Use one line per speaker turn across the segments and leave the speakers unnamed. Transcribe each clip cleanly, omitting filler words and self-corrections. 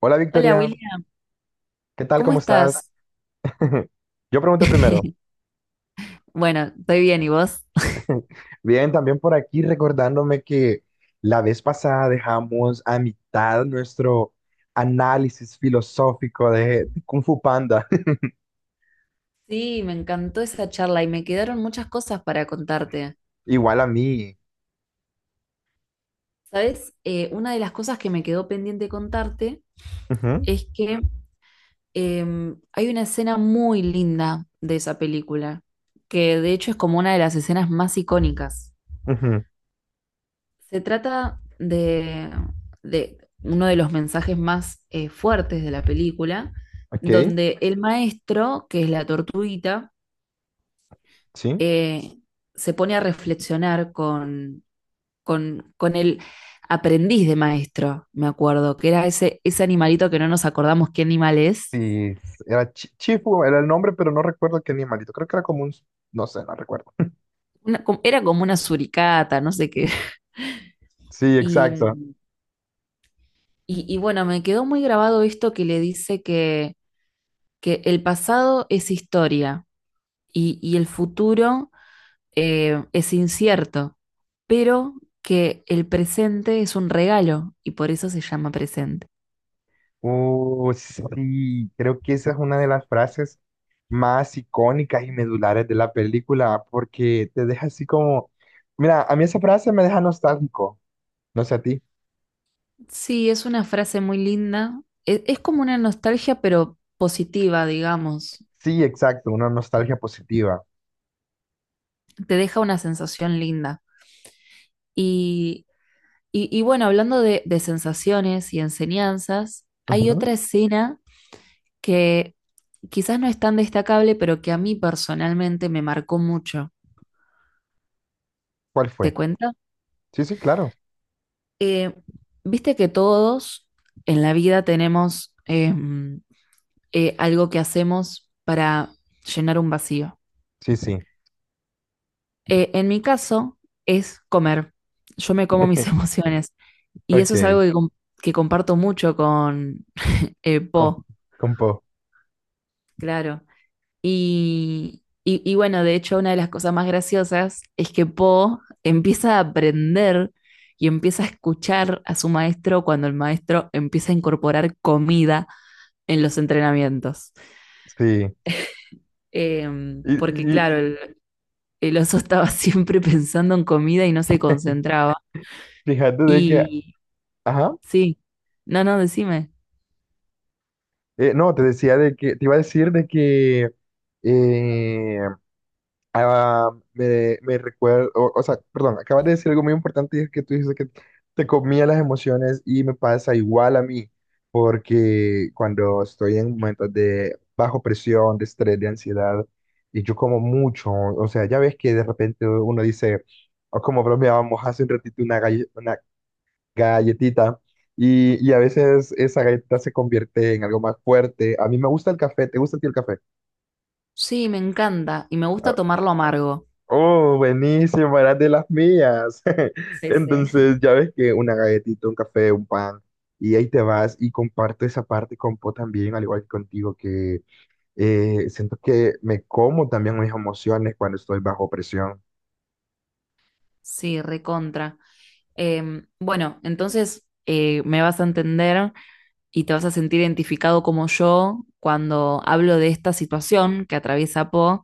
Hola
Hola
Victoria,
William,
¿qué tal?
¿cómo
¿Cómo estás?
estás?
Yo pregunto primero.
Bueno, estoy bien, ¿y vos?
Bien, también por aquí recordándome que la vez pasada dejamos a mitad nuestro análisis filosófico de Kung Fu Panda.
Sí, me encantó esa charla y me quedaron muchas cosas para contarte.
Igual a mí.
¿Sabes? Una de las cosas que me quedó pendiente contarte
Ujú,
es que hay una escena muy linda de esa película, que de hecho es como una de las escenas más icónicas.
ujú.
Se trata de uno de los mensajes más fuertes de la película,
Ok,
donde el maestro, que es la tortuguita,
sí.
eh, se pone a reflexionar con el aprendiz de maestro, me acuerdo, que era ese, ese animalito que no nos acordamos qué animal es.
Sí, era Chifu, era el nombre, pero no recuerdo qué animalito. Creo que era como un... No sé, no recuerdo.
Era como una suricata, no sé qué.
Sí, exacto.
Y, y bueno, me quedó muy grabado esto que le dice que el pasado es historia y el futuro es incierto, pero que el presente es un regalo y por eso se llama presente.
Oh, sí, creo que esa es una de las frases más icónicas y medulares de la película, porque te deja así como, mira, a mí esa frase me deja nostálgico, no sé a ti.
Sí, es una frase muy linda. Es, como una nostalgia, pero positiva, digamos.
Sí, exacto, una nostalgia positiva.
Te deja una sensación linda. Y, y bueno, hablando de sensaciones y enseñanzas, hay otra
Ujú.
escena que quizás no es tan destacable, pero que a mí personalmente me marcó mucho.
¿Cuál
¿Te
fue?
cuento?
Sí, sí, claro.
Eh, Viste que todos en la vida tenemos algo que hacemos para llenar un vacío.
Sí, sí.
En mi caso es comer. Yo me como mis emociones. Y eso es algo
Ok,
que comparto mucho con
com-
Po,
compo.
claro. Y, bueno, de hecho, una de las cosas más graciosas es que Po empieza a aprender y empieza a escuchar a su maestro cuando el maestro empieza a incorporar comida en los entrenamientos.
Sí. Y,
Porque claro,
y
el oso estaba siempre pensando en comida y no se concentraba.
fíjate de que,
Y,
ajá,
sí. No, no, decime.
no, te decía de que, te iba a decir de que eh, ah, me recuerdo, o sea, perdón, acabas de decir algo muy importante y es que tú dices que te comía las emociones y me pasa igual a mí, porque cuando estoy en momentos de bajo presión, de estrés, de ansiedad, y yo como mucho, o sea, ya ves que de repente uno dice, o como bromeábamos hace un ratito, una, una galletita, y a veces esa galletita se convierte en algo más fuerte. A mí me gusta el café, ¿te gusta a ti el café?
Sí, me encanta y me gusta
Ah,
tomarlo amargo.
oh, buenísimo, eras de las mías.
Sí, sí.
Entonces, ya ves que una galletita, un café, un pan, y ahí te vas y comparto esa parte con Po también, al igual que contigo, que siento que me como también mis emociones cuando estoy bajo presión.
Sí, recontra. Bueno, entonces me vas a entender y te vas a sentir identificado como yo cuando hablo de esta situación que atraviesa Po,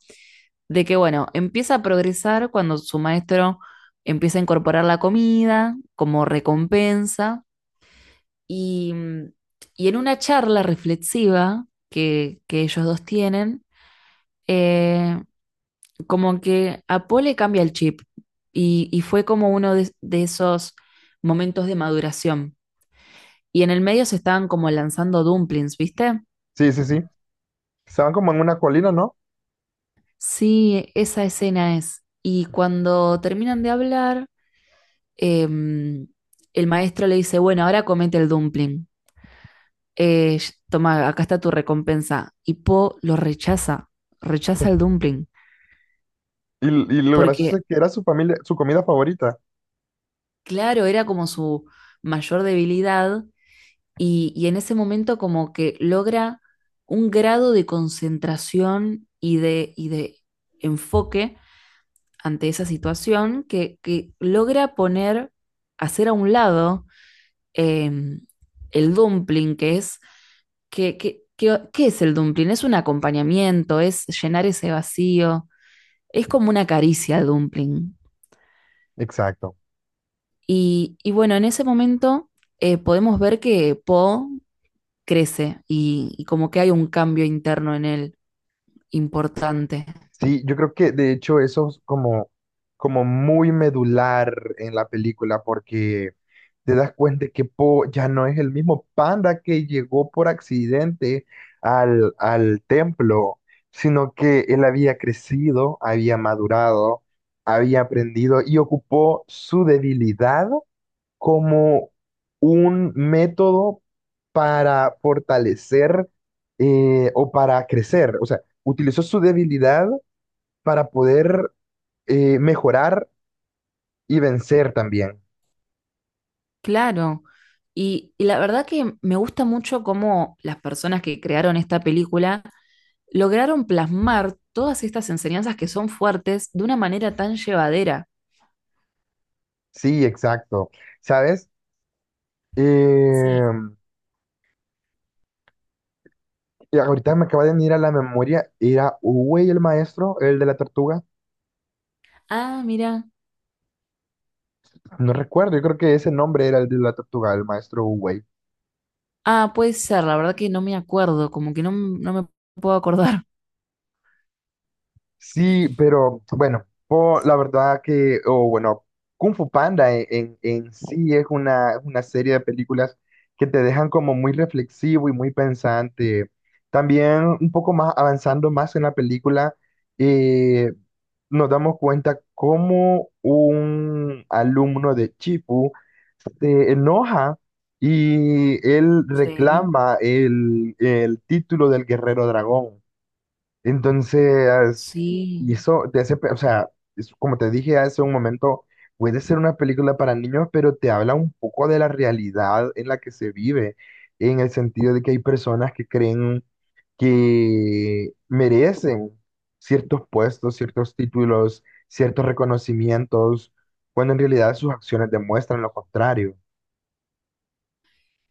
de que, bueno, empieza a progresar cuando su maestro empieza a incorporar la comida como recompensa y, y en una charla reflexiva que ellos dos tienen, eh, como que a Paul le cambia el chip y fue como uno de esos momentos de maduración. Y en el medio se estaban como lanzando dumplings, ¿viste?
Sí, sí, sí. Estaban como en una colina, ¿no?
Sí, esa escena es. Y cuando terminan de hablar, em, el maestro le dice, bueno, ahora comete el dumpling. Eh, Toma, acá está tu recompensa. Y Po lo rechaza, rechaza el dumpling,
Y lo gracioso
porque
es que era su familia, su comida favorita.
claro, era como su mayor debilidad y en ese momento como que logra un grado de concentración y de enfoque ante esa situación que logra poner, hacer a un lado em, el dumpling, que es, ¿qué es el dumpling? Es un acompañamiento, es llenar ese vacío, es como una caricia el dumpling.
Exacto.
Y bueno, en ese momento podemos ver que Poe crece y como que hay un cambio interno en él importante.
Sí, yo creo que de hecho eso es como, como muy medular en la película porque te das cuenta que Po ya no es el mismo panda que llegó por accidente al templo, sino que él había crecido, había madurado, había aprendido y ocupó su debilidad como un método para fortalecer o para crecer. O sea, utilizó su debilidad para poder mejorar y vencer también.
Claro. Y la verdad que me gusta mucho cómo las personas que crearon esta película lograron plasmar todas estas enseñanzas que son fuertes de una manera tan llevadera.
Sí, exacto. ¿Sabes?
Sí.
Eh, y ahorita me acaba de venir a la memoria, era Uwey el maestro, el de la tortuga.
Ah, mira.
No recuerdo, yo creo que ese nombre era el de la tortuga, el maestro Uwey.
Ah, puede ser, la verdad que no me acuerdo, como que no, no me puedo acordar.
Sí, pero bueno, la verdad que, o bueno, Kung Fu Panda en sí es una serie de películas que te dejan como muy reflexivo y muy pensante. También un poco más avanzando más en la película, eh, nos damos cuenta cómo un alumno de Chipu se enoja y él
Sí.
reclama el título del guerrero dragón. Entonces, y
Sí,
eso te hace, o sea, es como te dije hace un momento, puede ser una película para niños, pero te habla un poco de la realidad en la que se vive, en el sentido de que hay personas que creen que merecen ciertos puestos, ciertos títulos, ciertos reconocimientos, cuando en realidad sus acciones demuestran lo contrario.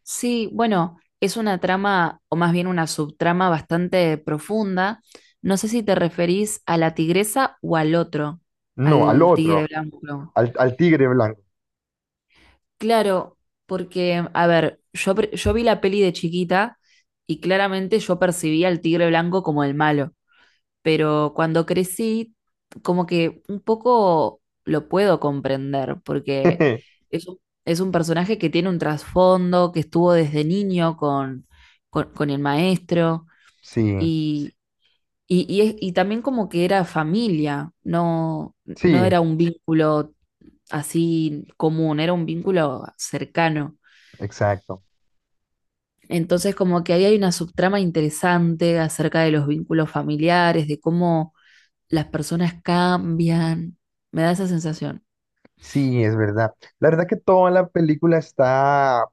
sí, bueno, es una trama, o más bien una subtrama bastante profunda. No sé si te referís a la tigresa o al otro,
No, al
al tigre
otro,
blanco.
al tigre blanco.
Claro, porque, a ver, yo, yo vi la peli de chiquita y claramente yo percibía al tigre blanco como el malo, pero cuando crecí, como que un poco lo puedo comprender, porque es un, es un personaje que tiene un trasfondo, que estuvo desde niño con, con el maestro,
Sí,
y, y, y también como que era familia, no, no
sí,
era un vínculo así común, era un vínculo cercano.
exacto.
Entonces, como que ahí hay una subtrama interesante acerca de los vínculos familiares, de cómo las personas cambian, me da esa sensación.
Sí, es verdad. La verdad que toda la película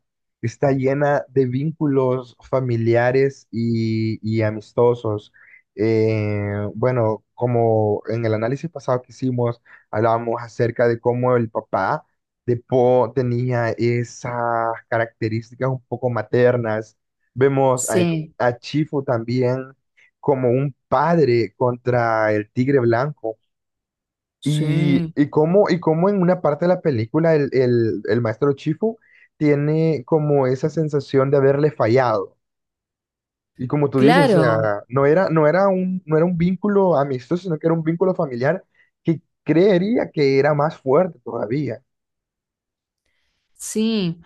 está llena de vínculos familiares y amistosos. Bueno, como en el análisis pasado que hicimos, hablábamos acerca de cómo el papá de Po tenía esas características un poco maternas. Vemos a,
Sí,
a Chifu también como un padre contra el tigre blanco
sí,
y cómo en una parte de la película el maestro Chifu tiene como esa sensación de haberle fallado. Y como tú dices, o
claro,
sea, no era un vínculo amistoso, sino que era un vínculo familiar que creería que era más fuerte todavía.
sí,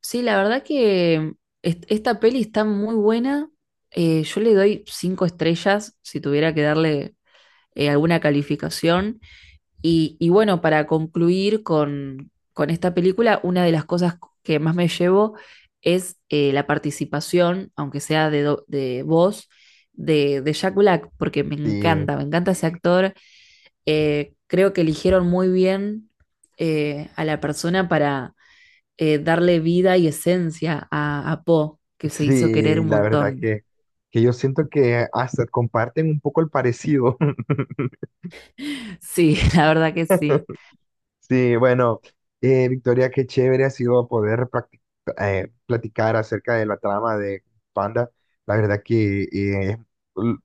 sí, la verdad que esta peli está muy buena. Yo le doy 5 estrellas si tuviera que darle alguna calificación. Y bueno, para concluir con esta película, una de las cosas que más me llevo es la participación, aunque sea de, de voz, de Jack Black, porque
Sí,
me encanta ese actor. Creo que eligieron muy bien a la persona para darle vida y esencia a Po, que se hizo querer
sí,
un
la verdad
montón.
que yo siento que hasta comparten un poco el parecido.
Sí, la verdad que sí,
Sí, bueno, Victoria, qué chévere ha sido poder platicar acerca de la trama de Panda. La verdad que l-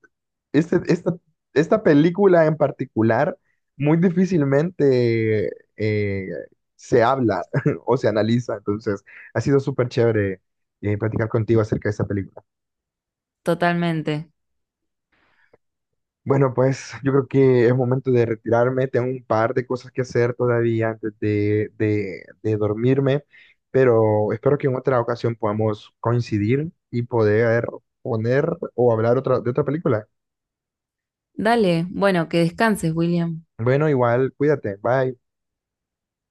esta, esta película en particular muy difícilmente eh, se habla o se analiza, entonces ha sido súper chévere platicar contigo acerca de esta película.
totalmente.
Bueno, pues yo creo que es momento de retirarme. Tengo un par de cosas que hacer todavía antes de dormirme, pero espero que en otra ocasión podamos coincidir y poder poner o hablar otra, de otra película.
Dale, bueno, que descanses, William.
Bueno, igual, cuídate. Bye.